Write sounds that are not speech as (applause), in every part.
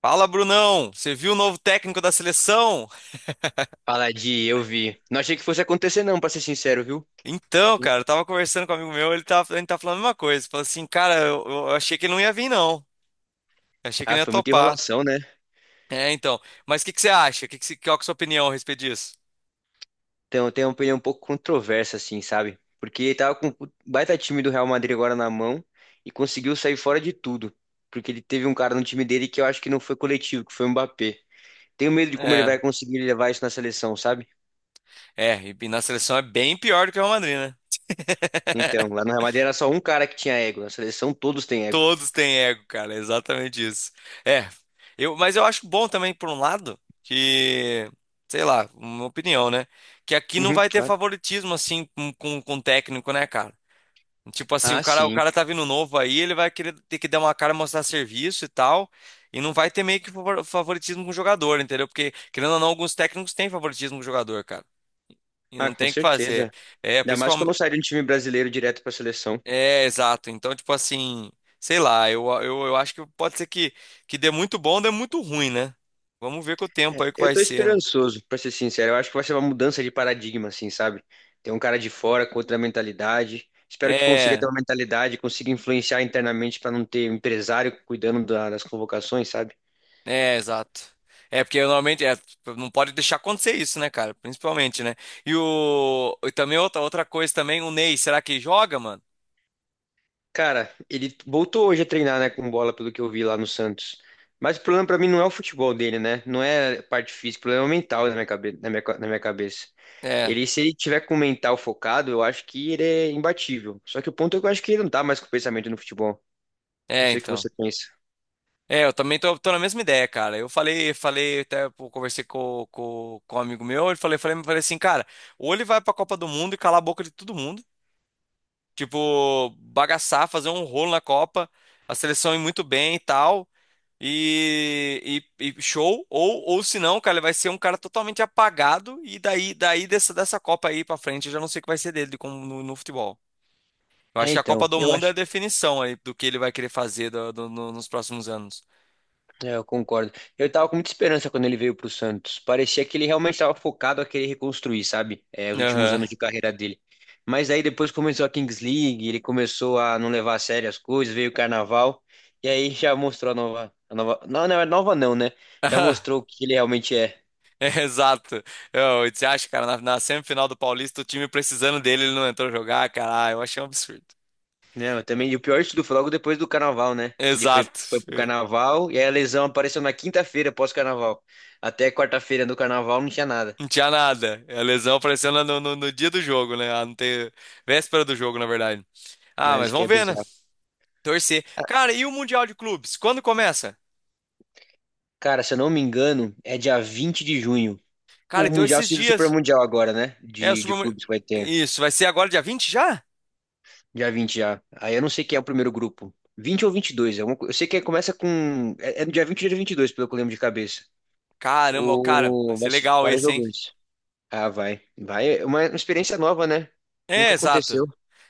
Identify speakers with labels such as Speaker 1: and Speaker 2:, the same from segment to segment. Speaker 1: Fala, Brunão! Você viu o novo técnico da seleção?
Speaker 2: Fala de eu vi. Não achei que fosse acontecer, não, pra ser sincero, viu?
Speaker 1: Então, cara, eu tava conversando com um amigo meu, ele tá falando a mesma coisa. Falou assim, cara, eu achei que ele não ia vir, não. Eu achei que
Speaker 2: Ah,
Speaker 1: ele ia
Speaker 2: foi muita
Speaker 1: topar.
Speaker 2: enrolação, né?
Speaker 1: É, então. Mas o que que você acha? Qual que é a sua opinião a respeito disso?
Speaker 2: Então, eu tenho uma opinião um pouco controversa, assim, sabe? Porque ele tava com o baita time do Real Madrid agora na mão e conseguiu sair fora de tudo. Porque ele teve um cara no time dele que eu acho que não foi coletivo, que foi o Mbappé. Tenho medo de como ele
Speaker 1: É,
Speaker 2: vai conseguir levar isso na seleção, sabe?
Speaker 1: e na seleção é bem pior do que o Real Madrid, né?
Speaker 2: Então, lá no Real Madrid era só um cara que tinha ego. Na seleção, todos têm ego.
Speaker 1: Todos têm ego, cara, é exatamente isso. É, eu, mas eu acho bom também, por um lado, que, sei lá, uma opinião, né? Que aqui não
Speaker 2: Uhum,
Speaker 1: vai ter
Speaker 2: claro.
Speaker 1: favoritismo, assim, com técnico, né, cara? Tipo assim,
Speaker 2: Ah,
Speaker 1: o
Speaker 2: sim.
Speaker 1: cara tá vindo novo aí, ele vai querer ter que dar uma cara, mostrar serviço e tal, e não vai ter meio que favoritismo com o jogador, entendeu? Porque, querendo ou não, alguns técnicos têm favoritismo com o jogador, cara. E
Speaker 2: Ah,
Speaker 1: não
Speaker 2: com
Speaker 1: tem o que fazer.
Speaker 2: certeza.
Speaker 1: É,
Speaker 2: Ainda mais que eu
Speaker 1: principalmente.
Speaker 2: não sairia de um time brasileiro direto pra seleção.
Speaker 1: É, exato. Então, tipo assim, sei lá, eu acho que pode ser que dê muito bom, dê muito ruim, né? Vamos ver com o
Speaker 2: É,
Speaker 1: tempo aí que
Speaker 2: eu
Speaker 1: vai
Speaker 2: tô
Speaker 1: ser, né?
Speaker 2: esperançoso, pra ser sincero. Eu acho que vai ser uma mudança de paradigma, assim, sabe? Tem um cara de fora com outra mentalidade. Espero que consiga ter
Speaker 1: É.
Speaker 2: uma mentalidade, consiga influenciar internamente pra não ter um empresário cuidando das convocações, sabe?
Speaker 1: É, exato. É, porque normalmente é, não pode deixar acontecer isso, né, cara? Principalmente, né? E o. E também outra coisa também, o Ney, será que joga, mano?
Speaker 2: Cara, ele voltou hoje a treinar, né, com bola, pelo que eu vi lá no Santos. Mas o problema pra mim não é o futebol dele, né? Não é a parte física, o problema é o mental na minha cabeça.
Speaker 1: É,
Speaker 2: Ele, se ele tiver com o mental focado, eu acho que ele é imbatível. Só que o ponto é que eu acho que ele não tá mais com o pensamento no futebol. Não sei o que
Speaker 1: então.
Speaker 2: você pensa.
Speaker 1: É, eu também tô na mesma ideia, cara. Até pô, conversei com um amigo meu, ele falei assim, cara, ou ele vai pra Copa do Mundo e calar a boca de todo mundo. Tipo, bagaçar, fazer um rolo na Copa, a seleção ir muito bem e tal. E show, ou se não, cara, ele vai ser um cara totalmente apagado. E daí, dessa Copa aí pra frente, eu já não sei o que vai ser dele como no futebol. Eu
Speaker 2: É,
Speaker 1: acho que a Copa
Speaker 2: então,
Speaker 1: do
Speaker 2: eu
Speaker 1: Mundo é a
Speaker 2: acho,
Speaker 1: definição aí do que ele vai querer fazer nos próximos anos.
Speaker 2: é, eu concordo. Eu tava com muita esperança quando ele veio pro Santos. Parecia que ele realmente estava focado a querer reconstruir, sabe? É, os últimos
Speaker 1: Aham.
Speaker 2: anos de carreira dele. Mas aí depois começou a Kings League, ele começou a não levar a sério as coisas, veio o Carnaval, e aí já mostrou a nova, não, não é nova não, né? Já mostrou o
Speaker 1: (laughs)
Speaker 2: que ele realmente é.
Speaker 1: É, exato. Eu, você acha, cara, na semifinal do Paulista, o time precisando dele, ele não entrou jogar, cara. Ah, eu achei um absurdo.
Speaker 2: Não, eu também, e o pior de tudo foi logo depois do Carnaval, né? Que ele foi,
Speaker 1: Exato.
Speaker 2: foi pro Carnaval, e aí a lesão apareceu na quinta-feira, pós-Carnaval. Até quarta-feira do Carnaval não tinha nada,
Speaker 1: Não tinha nada. A lesão aparecendo no dia do jogo, né? Ah, não tem, véspera do jogo, na verdade. Ah,
Speaker 2: né?
Speaker 1: mas
Speaker 2: Isso que
Speaker 1: vamos
Speaker 2: é
Speaker 1: ver, né?
Speaker 2: bizarro.
Speaker 1: Torcer. Cara, e o Mundial de Clubes? Quando começa?
Speaker 2: Cara, se eu não me engano, é dia 20 de junho.
Speaker 1: Cara,
Speaker 2: O
Speaker 1: então
Speaker 2: Mundial
Speaker 1: esses
Speaker 2: seria o Super
Speaker 1: dias.
Speaker 2: Mundial agora, né?
Speaker 1: É o
Speaker 2: De clubes que vai ter.
Speaker 1: Isso, vai ser agora dia vinte já?
Speaker 2: Dia 20 já. Aí eu não sei quem é o primeiro grupo, 20 ou 22. Eu sei que começa com. É no dia 20 ou dia 22, pelo que eu lembro de cabeça.
Speaker 1: Caramba, cara, vai
Speaker 2: O...
Speaker 1: ser
Speaker 2: vai ser
Speaker 1: legal
Speaker 2: vários
Speaker 1: esse, hein?
Speaker 2: jogadores. Ah, vai. Vai. É uma experiência nova, né?
Speaker 1: É,
Speaker 2: Nunca
Speaker 1: exato.
Speaker 2: aconteceu.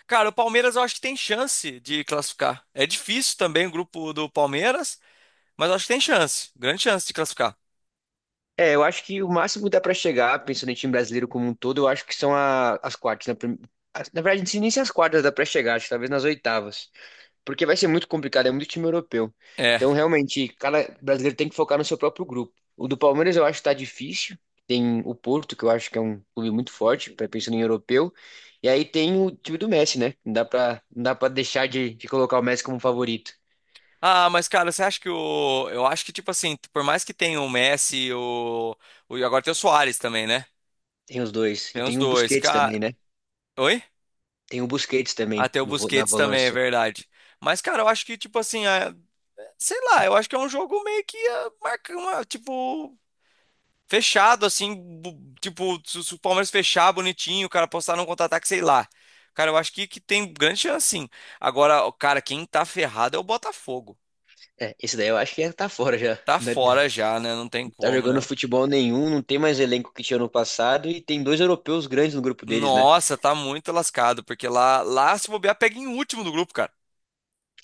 Speaker 1: Cara, o Palmeiras eu acho que tem chance de classificar. É difícil também o grupo do Palmeiras, mas eu acho que tem chance. Grande chance de classificar.
Speaker 2: É, eu acho que o máximo que dá pra chegar, pensando em time brasileiro como um todo, eu acho que são as quartas, né? Na verdade, não sei nem se as quartas dá pra chegar, acho que talvez nas oitavas. Porque vai ser muito complicado, é muito time europeu.
Speaker 1: É.
Speaker 2: Então, realmente, cada brasileiro tem que focar no seu próprio grupo. O do Palmeiras eu acho que tá difícil. Tem o Porto, que eu acho que é um clube muito forte, pensando em europeu. E aí tem o time do Messi, né? Não dá pra deixar de colocar o Messi como favorito.
Speaker 1: Ah, mas cara, você acha que o. eu acho que, tipo assim, por mais que tenha o Messi, e agora tem o Suárez também, né?
Speaker 2: Tem os dois.
Speaker 1: Tem
Speaker 2: E
Speaker 1: os
Speaker 2: tem o
Speaker 1: dois.
Speaker 2: Busquets
Speaker 1: Cara,
Speaker 2: também, né?
Speaker 1: oi?
Speaker 2: Tem o Busquets
Speaker 1: Ah,
Speaker 2: também
Speaker 1: tem o
Speaker 2: no na
Speaker 1: Busquets também, é
Speaker 2: volância.
Speaker 1: verdade. Mas, cara, eu acho que, tipo assim, ah, sei lá, eu acho que é um jogo meio que marca uma, tipo, fechado, assim, tipo, se o Palmeiras fechar bonitinho, o cara postar num contra-ataque, sei lá. Cara, eu acho que tem grande chance, sim. Agora, o cara, quem tá ferrado é o Botafogo.
Speaker 2: É, esse daí eu acho que já tá fora já. (laughs)
Speaker 1: Tá
Speaker 2: Não é,
Speaker 1: fora já, né? Não tem
Speaker 2: tá
Speaker 1: como,
Speaker 2: jogando
Speaker 1: né?
Speaker 2: futebol nenhum, não tem mais elenco que tinha no passado e tem dois europeus grandes no grupo deles, né?
Speaker 1: Nossa, tá muito lascado, porque lá se bobear, pega em último do grupo, cara.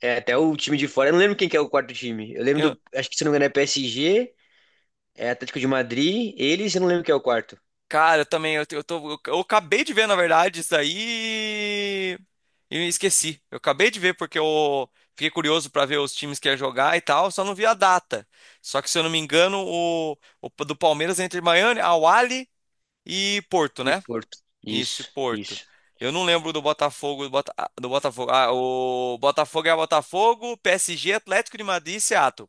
Speaker 2: É, até o time de fora. Eu não lembro quem que é o quarto time. Eu lembro
Speaker 1: Eu-
Speaker 2: do. Acho que se não me engano é PSG, é Atlético de Madrid, eles, eu não lembro quem é o quarto.
Speaker 1: cara, eu também, eu, te- eu tô, eu acabei de ver, na verdade, isso daí e eu esqueci. Eu acabei de ver porque eu fiquei curioso pra ver os times que ia jogar e tal, só não vi a data. Só que, se eu não me engano, o do Palmeiras é entre Miami, Al Ahly e Porto,
Speaker 2: E
Speaker 1: né?
Speaker 2: Porto.
Speaker 1: Isso, e
Speaker 2: Isso,
Speaker 1: Porto.
Speaker 2: isso.
Speaker 1: Eu não lembro do Botafogo, do Botafogo. Ah, o Botafogo é Botafogo, PSG, Atlético de Madrid e Seattle.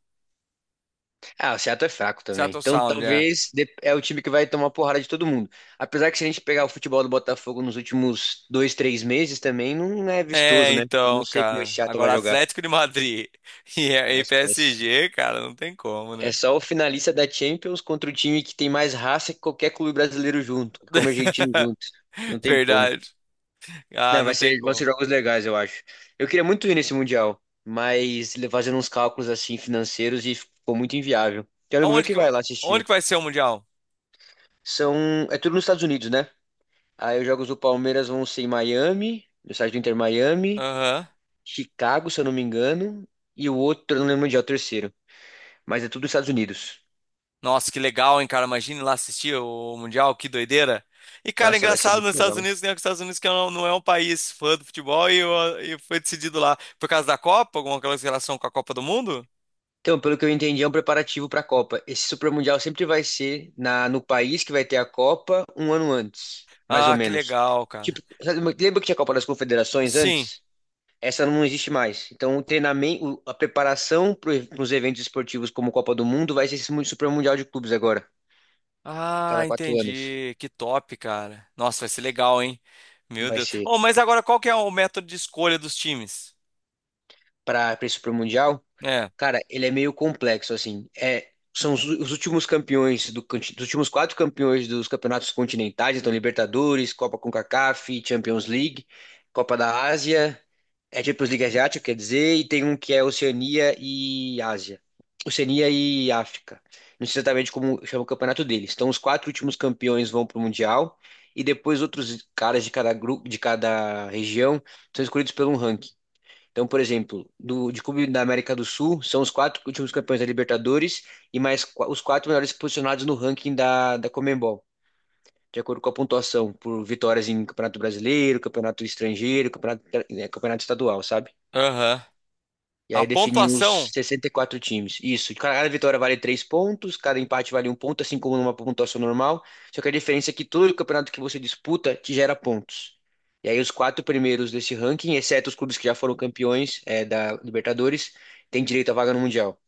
Speaker 2: Ah, o Seattle é fraco também.
Speaker 1: Seattle
Speaker 2: Então
Speaker 1: Sound, é.
Speaker 2: talvez é o time que vai tomar porrada de todo mundo. Apesar que se a gente pegar o futebol do Botafogo nos últimos 2, 3 meses também, não é
Speaker 1: É,
Speaker 2: vistoso, né? Eu não
Speaker 1: então,
Speaker 2: sei como esse
Speaker 1: cara.
Speaker 2: Seattle vai
Speaker 1: Agora
Speaker 2: jogar.
Speaker 1: Atlético de Madrid (laughs)
Speaker 2: Ah,
Speaker 1: e
Speaker 2: esquece.
Speaker 1: PSG, cara, não tem como, né?
Speaker 2: É só o finalista da Champions contra o time que tem mais raça que qualquer clube brasileiro junto, como o argentino
Speaker 1: (laughs)
Speaker 2: junto. Não tem como.
Speaker 1: Verdade. Ah,
Speaker 2: Não, vai
Speaker 1: não tem
Speaker 2: ser, vão ser
Speaker 1: como.
Speaker 2: jogos legais, eu acho. Eu queria muito ir nesse Mundial, mas fazendo uns cálculos assim financeiros e ficou muito inviável. Tem amigo meu
Speaker 1: Aonde
Speaker 2: que
Speaker 1: que,
Speaker 2: vai lá
Speaker 1: onde
Speaker 2: assistir.
Speaker 1: que vai ser o Mundial?
Speaker 2: São, é tudo nos Estados Unidos, né? Aí os jogos do Palmeiras vão ser em Miami, no estádio do Inter Miami,
Speaker 1: Aham.
Speaker 2: Chicago, se eu não me engano, e o outro, eu não lembro onde é o terceiro, mas é tudo nos Estados Unidos.
Speaker 1: Nossa, que legal, hein, cara? Imagine lá assistir o Mundial, que doideira. E, cara,
Speaker 2: Nossa, vai ser
Speaker 1: engraçado nos
Speaker 2: muito
Speaker 1: Estados
Speaker 2: legal.
Speaker 1: Unidos, né? que Os Estados Unidos que não, não é um país fã do futebol e foi decidido lá por causa da Copa, alguma coisa em relação com a Copa do Mundo?
Speaker 2: Então, pelo que eu entendi, é um preparativo para a Copa. Esse Super Mundial sempre vai ser no país que vai ter a Copa um ano antes, mais ou
Speaker 1: Ah, que
Speaker 2: menos.
Speaker 1: legal, cara.
Speaker 2: Tipo, sabe, lembra que tinha a Copa das Confederações
Speaker 1: Sim.
Speaker 2: antes? Essa não existe mais. Então, o treinamento, a preparação para os eventos esportivos como Copa do Mundo vai ser esse Super Mundial de clubes agora,
Speaker 1: Ah,
Speaker 2: cada 4 anos.
Speaker 1: entendi. Que top, cara. Nossa, vai ser legal, hein? Meu
Speaker 2: Vai
Speaker 1: Deus.
Speaker 2: ser
Speaker 1: Oh, mas agora qual que é o método de escolha dos times?
Speaker 2: para esse Super Mundial.
Speaker 1: É.
Speaker 2: Cara, ele é meio complexo, assim. É, são os últimos campeões dos últimos quatro campeões dos campeonatos continentais, então Libertadores, Copa CONCACAF, Champions League, Copa da Ásia, é Champions League Asiática, quer dizer, e tem um que é Oceania e Ásia. Oceania e África. Não sei exatamente como chama o campeonato deles. Então, os quatro últimos campeões vão para o Mundial e depois outros caras de cada grupo, de cada região, são escolhidos pelo um ranking. Então, por exemplo, de clube da América do Sul, são os quatro últimos campeões da Libertadores e mais os quatro melhores posicionados no ranking da Conmebol, de acordo com a pontuação por vitórias em Campeonato Brasileiro, Campeonato Estrangeiro, Campeonato, campeonato Estadual, sabe?
Speaker 1: Aham.
Speaker 2: E
Speaker 1: A
Speaker 2: aí definiu os
Speaker 1: pontuação.
Speaker 2: 64 times. Isso. Cada vitória vale 3 pontos, cada empate vale um ponto, assim como numa pontuação normal. Só que a diferença é que todo campeonato que você disputa te gera pontos. E aí os quatro primeiros desse ranking, exceto os clubes que já foram campeões da Libertadores, têm direito à vaga no Mundial.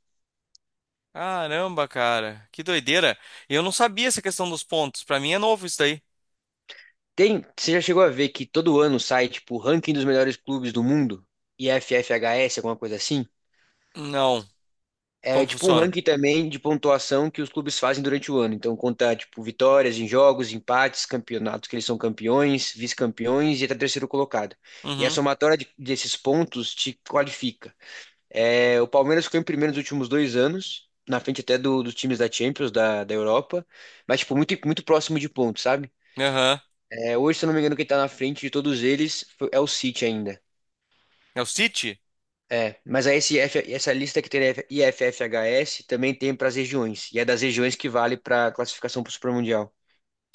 Speaker 1: Caramba, cara. Que doideira. Eu não sabia essa questão dos pontos. Pra mim é novo isso daí.
Speaker 2: Tem, você já chegou a ver que todo ano sai, tipo, o ranking dos melhores clubes do mundo? IFFHS, alguma coisa assim?
Speaker 1: Não. Como
Speaker 2: É
Speaker 1: que
Speaker 2: tipo um
Speaker 1: funciona?
Speaker 2: ranking também de pontuação que os clubes fazem durante o ano. Então conta tipo vitórias em jogos, empates, campeonatos que eles são campeões, vice-campeões e até terceiro colocado. E a
Speaker 1: Uhum.
Speaker 2: somatória desses pontos te qualifica. É, o Palmeiras ficou em primeiro nos últimos 2 anos, na frente até dos times da Champions, da Europa, mas tipo muito muito próximo de pontos, sabe?
Speaker 1: Aham.
Speaker 2: É, hoje, se eu não me engano, quem tá na frente de todos eles é o City ainda.
Speaker 1: É o City?
Speaker 2: É, mas aí esse F essa lista que tem IFFHS também tem para as regiões, e é das regiões que vale para a classificação para o Supermundial.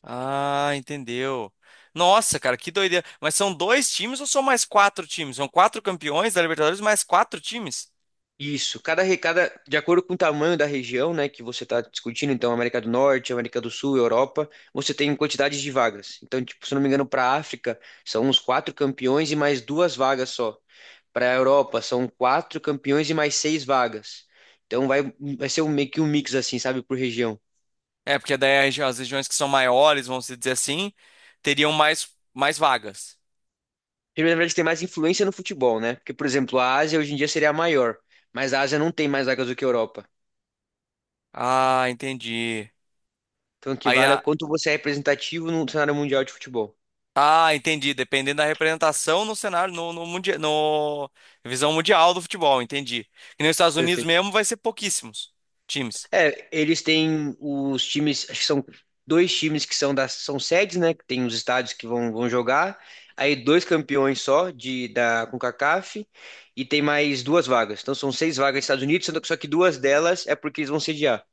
Speaker 1: Ah, entendeu. Nossa, cara, que doideira. Mas são dois times ou são mais quatro times? São quatro campeões da Libertadores mais quatro times?
Speaker 2: Isso, cada, de acordo com o tamanho da região, né, que você está discutindo, então América do Norte, América do Sul, Europa, você tem quantidades de vagas. Então, tipo, se eu não me engano, para a África são uns quatro campeões e mais duas vagas só. Para a Europa são quatro campeões e mais seis vagas. Então vai ser um, meio que um mix assim, sabe, por região.
Speaker 1: É, porque daí as regiões que são maiores, vamos dizer assim, teriam mais vagas.
Speaker 2: Ele, na verdade, tem mais influência no futebol, né? Porque, por exemplo, a Ásia hoje em dia seria a maior, mas a Ásia não tem mais vagas do que a Europa.
Speaker 1: Ah, entendi.
Speaker 2: Então, o que
Speaker 1: Aí
Speaker 2: vale é
Speaker 1: a,
Speaker 2: o quanto você é representativo no cenário mundial de futebol.
Speaker 1: ah, entendi. Dependendo da representação no cenário, no, no, mundia- no visão mundial do futebol, entendi. E nos Estados Unidos
Speaker 2: Perfeito.
Speaker 1: mesmo vai ser pouquíssimos times.
Speaker 2: É, eles têm os times, acho que são dois times que são são sedes, né? Que tem os estádios que vão jogar. Aí dois campeões só de da CONCACAF e tem mais duas vagas. Então são seis vagas nos Estados Unidos, sendo que só que duas delas é porque eles vão sediar.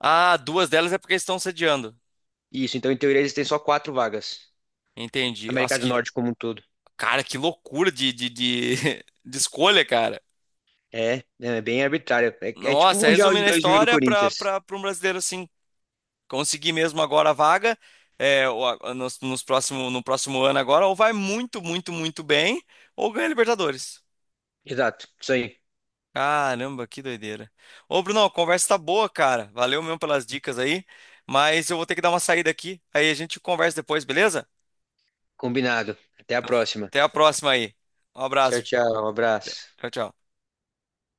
Speaker 1: Ah, duas delas é porque eles estão sediando.
Speaker 2: Isso, então em teoria eles têm só quatro vagas.
Speaker 1: Entendi.
Speaker 2: América
Speaker 1: Nossa,
Speaker 2: do
Speaker 1: que,
Speaker 2: Norte como um todo.
Speaker 1: cara, que loucura (laughs) de escolha, cara.
Speaker 2: É, né, é bem arbitrário. É tipo o
Speaker 1: Nossa,
Speaker 2: Mundial de
Speaker 1: resumindo a
Speaker 2: 2000 do
Speaker 1: história
Speaker 2: Corinthians.
Speaker 1: para um brasileiro assim. Conseguir mesmo agora a vaga é, no próximo ano agora, ou vai muito, muito, muito bem, ou ganha Libertadores.
Speaker 2: Exato, isso aí.
Speaker 1: Caramba, que doideira. Ô, Bruno, a conversa tá boa, cara. Valeu mesmo pelas dicas aí, mas eu vou ter que dar uma saída aqui. Aí a gente conversa depois, beleza?
Speaker 2: Combinado. Até a próxima.
Speaker 1: Até a próxima aí. Um
Speaker 2: Tchau,
Speaker 1: abraço.
Speaker 2: tchau. Um abraço.
Speaker 1: Tchau, tchau.